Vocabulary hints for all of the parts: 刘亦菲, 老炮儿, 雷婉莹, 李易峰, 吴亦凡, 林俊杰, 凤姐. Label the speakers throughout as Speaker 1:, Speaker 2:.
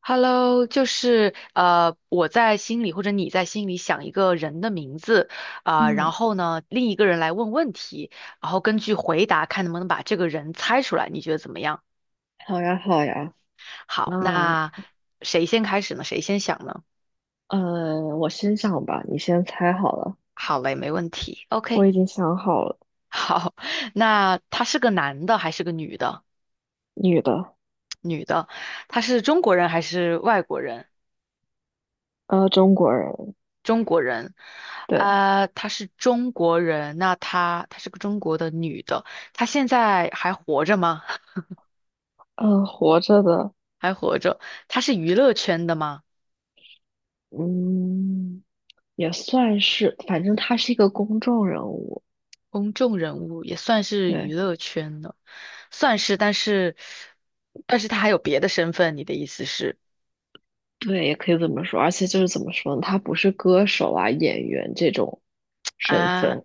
Speaker 1: Hello，就是我在心里或者你在心里想一个人的名字啊，然
Speaker 2: 嗯，
Speaker 1: 后呢，另一个人来问问题，然后根据回答看能不能把这个人猜出来，你觉得怎么样？
Speaker 2: 好呀，好呀。那
Speaker 1: 好，那谁先开始呢？谁先想呢？
Speaker 2: 我先想吧，你先猜好了。
Speaker 1: 好嘞，没问题。
Speaker 2: 我
Speaker 1: OK，
Speaker 2: 已经想好了，
Speaker 1: 好，那他是个男的还是个女的？
Speaker 2: 女的，
Speaker 1: 女的，他是中国人还是外国人？
Speaker 2: 中国人，
Speaker 1: 中国人，
Speaker 2: 对，
Speaker 1: 啊，她是中国人，那她是个中国的女的，她现在还活着吗？
Speaker 2: 活着的，
Speaker 1: 还活着，她是娱乐圈的吗？
Speaker 2: 嗯，也算是，反正她是一个公众人物。
Speaker 1: 公众人物也算是
Speaker 2: 对，
Speaker 1: 娱乐圈的，算是但是她还有别的身份，你的意思是
Speaker 2: 对，也可以这么说。而且就是怎么说呢，他不是歌手啊、演员这种身
Speaker 1: 啊？
Speaker 2: 份，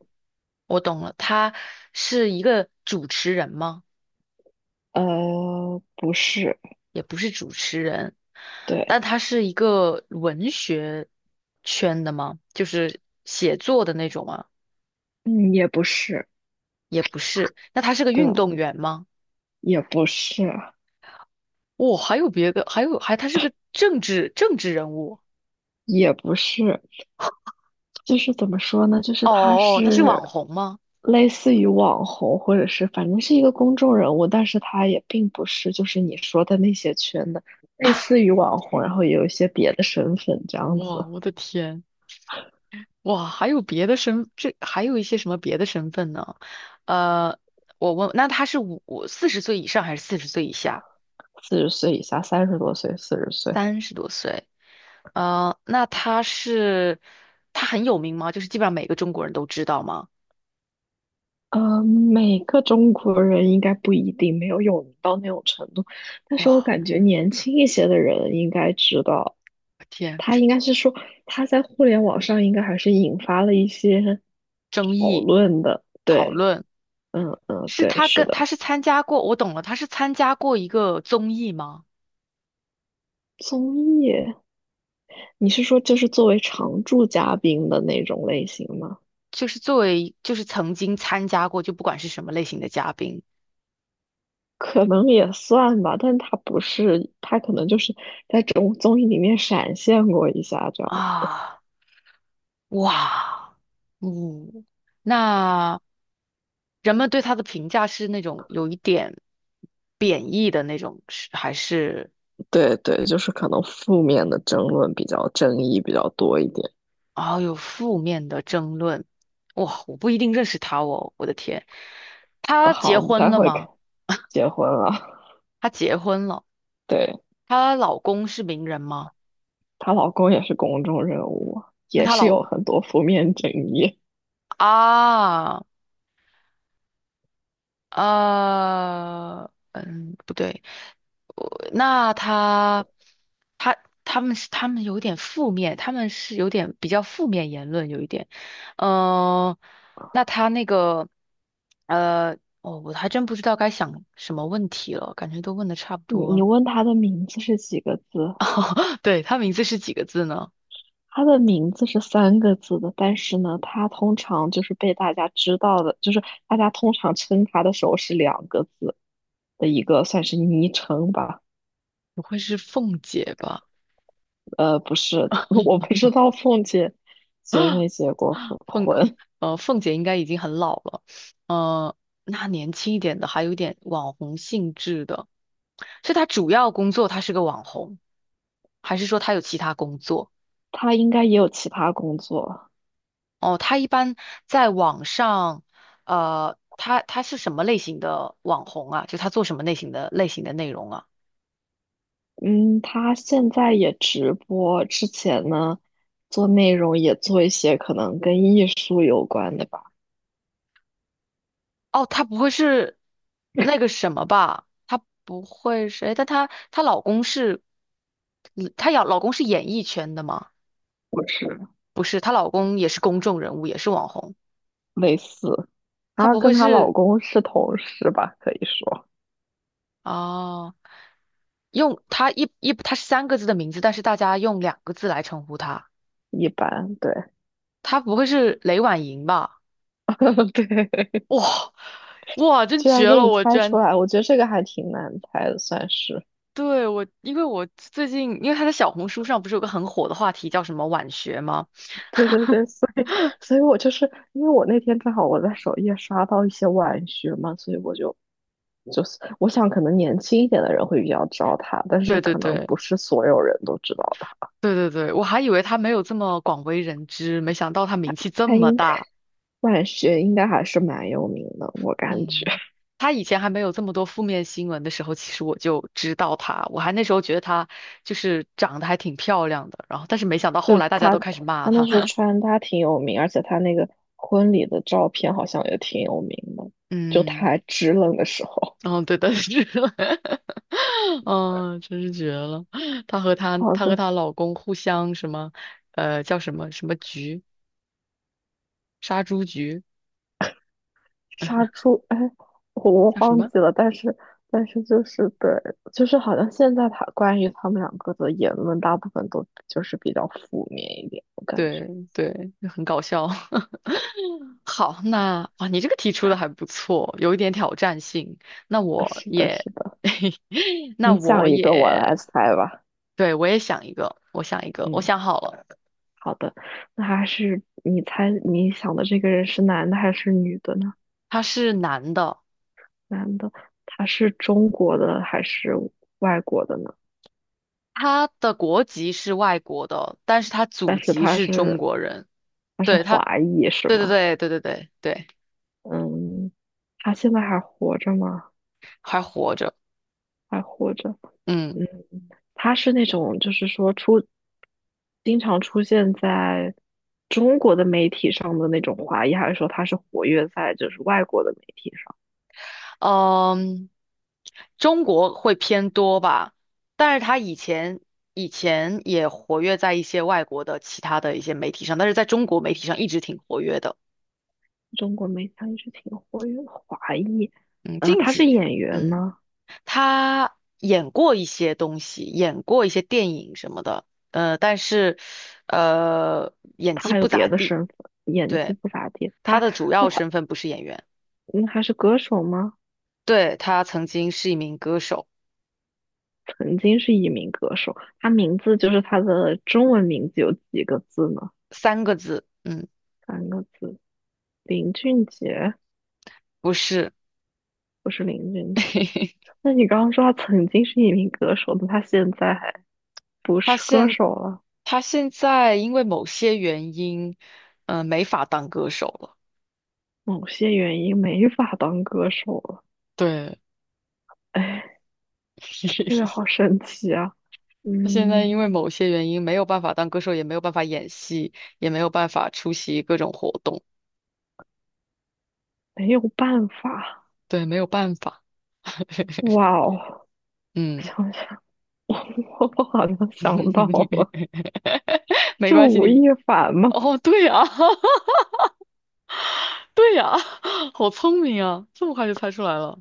Speaker 1: 我懂了，她是一个主持人吗？
Speaker 2: 不是，
Speaker 1: 也不是主持人，
Speaker 2: 对，
Speaker 1: 但她是一个文学圈的吗？就是写作的那种吗？
Speaker 2: 嗯，也不是，
Speaker 1: 也不是。那他是个
Speaker 2: 对，
Speaker 1: 运动员吗？
Speaker 2: 也不是，
Speaker 1: 哦，还有别的，还有他是个政治人物。
Speaker 2: 也不是，就是怎么说呢？就是
Speaker 1: 哦，他是网红吗？
Speaker 2: 类似于网红，或者是反正是一个公众人物，但是他也并不是就是你说的那些圈的，类似于网红，然后也有一些别的身份这样
Speaker 1: 哇，
Speaker 2: 子。
Speaker 1: 我的天！哇，还有别的身，这还有一些什么别的身份呢？呃，我问，那他是四十岁以上还是四十岁以下？
Speaker 2: 四十岁以下，三十多岁，四十岁，
Speaker 1: 30多岁。呃，那他是他很有名吗？就是基本上每个中国人都知道吗？
Speaker 2: 每个中国人应该不一定没有有名到那种程度，但是我
Speaker 1: 哇，
Speaker 2: 感觉年轻一些的人应该知道，
Speaker 1: 我天，
Speaker 2: 他应该是说他在互联网上应该还是引发了一些
Speaker 1: 争
Speaker 2: 讨
Speaker 1: 议
Speaker 2: 论的。
Speaker 1: 讨
Speaker 2: 对，
Speaker 1: 论。
Speaker 2: 嗯嗯，
Speaker 1: 是
Speaker 2: 对，
Speaker 1: 他
Speaker 2: 是
Speaker 1: 跟他
Speaker 2: 的。
Speaker 1: 是参加过，我懂了，他是参加过一个综艺吗？
Speaker 2: 综艺，你是说就是作为常驻嘉宾的那种类型吗？
Speaker 1: 就是作为就是曾经参加过，就不管是什么类型的嘉宾
Speaker 2: 可能也算吧，但他不是，他可能就是在综艺里面闪现过一下这样。
Speaker 1: 啊，哇，嗯，那人们对他的评价是那种有一点贬义的那种，是还是
Speaker 2: 对对，就是可能负面的争论比较争议比较多一点。
Speaker 1: 啊有负面的争论？哇，我不一定认识他哦，我的天，他结
Speaker 2: 好，你
Speaker 1: 婚
Speaker 2: 待
Speaker 1: 了
Speaker 2: 会儿
Speaker 1: 吗？
Speaker 2: 结婚了，
Speaker 1: 他结婚了，
Speaker 2: 对。
Speaker 1: 她老公是名人吗？
Speaker 2: 她老公也是公众人物，
Speaker 1: 那
Speaker 2: 也
Speaker 1: 她
Speaker 2: 是
Speaker 1: 老
Speaker 2: 有很多负面争议。
Speaker 1: 啊，呃，嗯，不对，我那他，他他们是他们有点负面，他们是有点比较负面言论，有一点，嗯、那他那个，呃，哦，我还真不知道该想什么问题了，感觉都问的差不
Speaker 2: 你
Speaker 1: 多
Speaker 2: 你
Speaker 1: 了。
Speaker 2: 问她的名字是几个字？
Speaker 1: 对，他名字是几个字呢？
Speaker 2: 她的名字是三个字的，但是呢，她通常就是被大家知道的，就是大家通常称她的时候是两个字的一个算是昵称吧。
Speaker 1: 不会是凤姐吧？
Speaker 2: 不是，我不知道凤姐结没结过
Speaker 1: 凤
Speaker 2: 婚，
Speaker 1: 凤姐应该已经很老了，呃，那年轻一点的还有点网红性质的，是她主要工作她是个网红，还是说她有其他工作？
Speaker 2: 她应该也有其他工作。
Speaker 1: 哦，她一般在网上，她是什么类型的网红啊？就她做什么类型的内容啊？
Speaker 2: 嗯，她现在也直播，之前呢做内容也做一些可能跟艺术有关的吧，
Speaker 1: 哦，她不会是那个什么吧？她不会是，诶但她老公是，她要老公是演艺圈的吗？
Speaker 2: 或是
Speaker 1: 不是，她老公也是公众人物，也是网红。
Speaker 2: 类似。
Speaker 1: 她
Speaker 2: 然后
Speaker 1: 不会
Speaker 2: 跟她老
Speaker 1: 是
Speaker 2: 公是同事吧，可以说
Speaker 1: 哦，用她一一她是三个字的名字，但是大家用两个字来称呼她。
Speaker 2: 一般。对，
Speaker 1: 她不会是雷婉莹吧？
Speaker 2: 对，
Speaker 1: 哇哇，真
Speaker 2: 居然
Speaker 1: 绝
Speaker 2: 给
Speaker 1: 了！
Speaker 2: 你
Speaker 1: 我居
Speaker 2: 猜出
Speaker 1: 然
Speaker 2: 来，我觉得这个还挺难猜的，算是。
Speaker 1: 对我，因为我最近因为她在小红书上不是有个很火的话题叫什么晚学吗？
Speaker 2: 对对对，所以我就是因为我那天正好我在首页刷到一些晚学嘛，所以我就我想可能年轻一点的人会比较知道他，但是
Speaker 1: 对对
Speaker 2: 可能
Speaker 1: 对
Speaker 2: 不是所有人都知道他。
Speaker 1: 对对对，我还以为她没有这么广为人知，没想到她名气这
Speaker 2: 他
Speaker 1: 么
Speaker 2: 应
Speaker 1: 大。
Speaker 2: 万学应该还是蛮有名的，我感觉
Speaker 1: 嗯，他以前还没有这么多负面新闻的时候，其实我就知道他，我还那时候觉得他就是长得还挺漂亮的，然后但是没想到后
Speaker 2: 就
Speaker 1: 来大家
Speaker 2: 他
Speaker 1: 都开始骂
Speaker 2: 他那
Speaker 1: 他，
Speaker 2: 时候 穿搭挺有名，而且他那个婚礼的照片好像也挺有名的，就他
Speaker 1: 嗯，
Speaker 2: 还支棱的时候。
Speaker 1: 嗯，对的是，嗯，真是绝了，
Speaker 2: 好
Speaker 1: 她和
Speaker 2: 的，
Speaker 1: 她老公互相什么，叫什么什么局，杀猪局
Speaker 2: 杀猪，哎，我
Speaker 1: 叫什
Speaker 2: 忘
Speaker 1: 么？
Speaker 2: 记了，但是就是对，就是好像现在他关于他们两个的言论，大部分都就是比较负面一点，我感
Speaker 1: 对
Speaker 2: 觉。
Speaker 1: 对，就很搞笑。好，那哇，你这个题出的还不错，有一点挑战性。那我
Speaker 2: 是的，
Speaker 1: 也，
Speaker 2: 是的，
Speaker 1: 那
Speaker 2: 你
Speaker 1: 我
Speaker 2: 想一个，我来
Speaker 1: 也，
Speaker 2: 猜吧。
Speaker 1: 对，我也想一个，我想一个，我
Speaker 2: 嗯，
Speaker 1: 想好了，
Speaker 2: 好的，那还是你猜你想的这个人是男的还是女的呢？
Speaker 1: 他是男的，
Speaker 2: 男的，他是中国的还是外国的呢？
Speaker 1: 他的国籍是外国的，但是他祖
Speaker 2: 但是
Speaker 1: 籍是中国人。
Speaker 2: 他是
Speaker 1: 对，
Speaker 2: 华裔是
Speaker 1: 对对
Speaker 2: 吗？
Speaker 1: 对对对对对，
Speaker 2: 嗯，他现在还活着吗？
Speaker 1: 还活着。
Speaker 2: 还活着。
Speaker 1: 嗯。
Speaker 2: 嗯，他是那种就是经常出现在中国的媒体上的那种华裔，还是说他是活跃在就是外国的媒体上？
Speaker 1: 嗯，中国会偏多吧，但是他以前也活跃在一些外国的其他的一些媒体上，但是在中国媒体上一直挺活跃的。
Speaker 2: 中国媒体他一直挺活跃的华裔，
Speaker 1: 嗯，近
Speaker 2: 他是
Speaker 1: 几，
Speaker 2: 演员
Speaker 1: 嗯，
Speaker 2: 吗？
Speaker 1: 他演过一些东西，演过一些电影什么的，但是演
Speaker 2: 他
Speaker 1: 技
Speaker 2: 还
Speaker 1: 不
Speaker 2: 有别
Speaker 1: 咋
Speaker 2: 的
Speaker 1: 地。
Speaker 2: 身份，演技
Speaker 1: 对，
Speaker 2: 不咋地。
Speaker 1: 他
Speaker 2: 他
Speaker 1: 的主
Speaker 2: 那
Speaker 1: 要
Speaker 2: 他
Speaker 1: 身份不是演员，
Speaker 2: 那还是歌手吗？
Speaker 1: 对，他曾经是一名歌手，
Speaker 2: 曾经是一名歌手，他名字就是他的中文名字有几个字呢？
Speaker 1: 三个字，嗯，
Speaker 2: 三个字，林俊杰，
Speaker 1: 不是。
Speaker 2: 不是林俊杰。那你刚刚说他曾经是一名歌手，那他现在还不
Speaker 1: 他
Speaker 2: 是歌
Speaker 1: 现
Speaker 2: 手了？
Speaker 1: 他现在因为某些原因，没法当歌手了。
Speaker 2: 某些原因没法当歌手了，
Speaker 1: 对，
Speaker 2: 哎，这个 好神奇啊，
Speaker 1: 他现在
Speaker 2: 嗯。
Speaker 1: 因为某些原因没有办法当歌手，也没有办法演戏，也没有办法出席各种活动。
Speaker 2: 没有办法。
Speaker 1: 对，没有办法。
Speaker 2: 哇哦，
Speaker 1: 嗯，
Speaker 2: 想想，我好像想到了，
Speaker 1: 没
Speaker 2: 是
Speaker 1: 关系，
Speaker 2: 吴
Speaker 1: 你
Speaker 2: 亦凡吗？
Speaker 1: 哦，对呀、对呀、好聪明啊，这么快就猜出来了，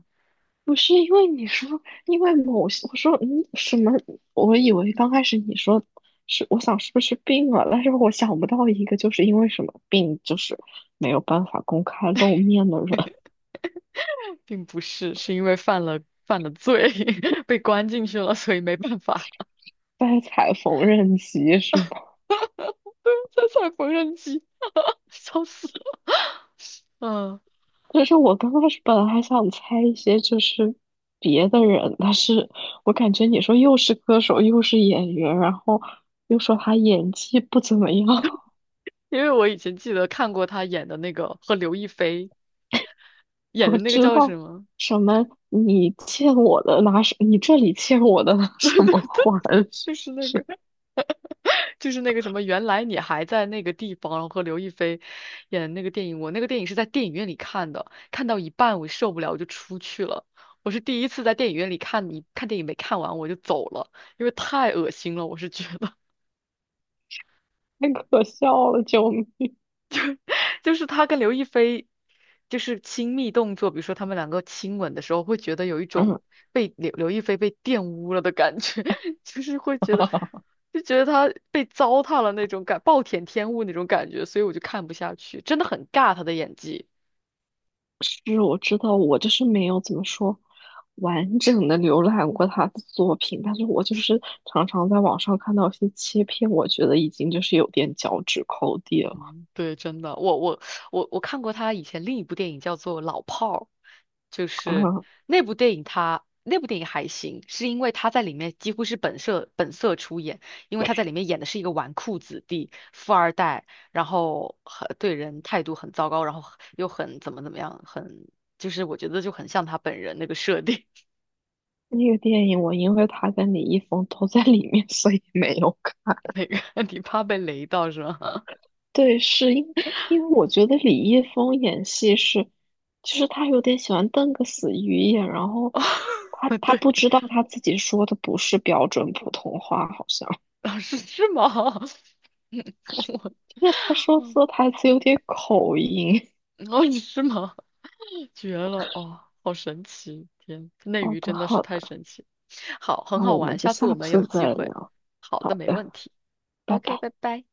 Speaker 2: 不是因为你说，因为某些，我说嗯什么？我以为刚开始你说是，我想是不是病了，但是我想不到一个就是因为什么病，就是没有办法公开露面的人
Speaker 1: 并不是，是因为犯了罪，被关进去了，所以没办法。
Speaker 2: 在踩缝纫机是吗？
Speaker 1: 在踩缝纫机，笑死了。嗯，
Speaker 2: 可是我刚开始本来还想猜一些就是别的人，但是我感觉你说又是歌手又是演员，然后又说他演技不怎么样，
Speaker 1: 因为我以前记得看过他演的那个和刘亦菲演
Speaker 2: 我
Speaker 1: 的那个
Speaker 2: 知
Speaker 1: 叫
Speaker 2: 道
Speaker 1: 什么，
Speaker 2: 什么你欠我的拿什，你这里欠我的拿什么还，
Speaker 1: 就是 那个
Speaker 2: 是
Speaker 1: 就是那个什么，原来你还在那个地方，然后和刘亦菲演的那个电影，我那个电影是在电影院里看的，看到一半我受不了，我就出去了。我是第一次在电影院里看你看电影没看完我就走了，因为太恶心了，我是觉得。
Speaker 2: 太可笑了，救命！
Speaker 1: 就是他跟刘亦菲就是亲密动作，比如说他们两个亲吻的时候，会觉得有一 种
Speaker 2: 嗯，
Speaker 1: 被刘亦菲被玷污了的感觉，就是会觉得就觉得他被糟蹋了那种感，暴殄天物那种感觉，所以我就看不下去，真的很尬他的演技。
Speaker 2: 是，我知道，我就是没有怎么说完整的浏览过他的作品，但是我就是常常在网上看到一些切片，我觉得已经就是有点脚趾抠地了。
Speaker 1: 嗯对，真的，我看过他以前另一部电影叫做《老炮儿》，就是
Speaker 2: 嗯，
Speaker 1: 那部电影还行，是因为他在里面几乎是本色出演，因为他在里面演的是一个纨绔子弟、富二代，然后很对人态度很糟糕，然后又很怎么怎么样，很就是我觉得就很像他本人那个设定，
Speaker 2: 那个电影我因为他跟李易峰都在里面，所以没有看。
Speaker 1: 那个你怕被雷到是吗？
Speaker 2: 对，是因为我觉得李易峰演戏是，就是他有点喜欢瞪个死鱼眼，然后他
Speaker 1: 哦
Speaker 2: 他
Speaker 1: 对，
Speaker 2: 不知道他自己说的不是标准普通话，好像。
Speaker 1: 老师是吗？嗯我。
Speaker 2: 因为他说台词有点口音。
Speaker 1: 哦，你是吗？绝了！哦，好神奇！天，内
Speaker 2: 好
Speaker 1: 娱
Speaker 2: 的，
Speaker 1: 真的是
Speaker 2: 好
Speaker 1: 太
Speaker 2: 的，
Speaker 1: 神奇。好，很
Speaker 2: 那
Speaker 1: 好
Speaker 2: 我们
Speaker 1: 玩，
Speaker 2: 就
Speaker 1: 下次我
Speaker 2: 下
Speaker 1: 们有
Speaker 2: 次
Speaker 1: 机
Speaker 2: 再
Speaker 1: 会。
Speaker 2: 聊。
Speaker 1: 好的，
Speaker 2: 好
Speaker 1: 没
Speaker 2: 的，
Speaker 1: 问题。
Speaker 2: 拜
Speaker 1: OK，
Speaker 2: 拜。
Speaker 1: 拜拜。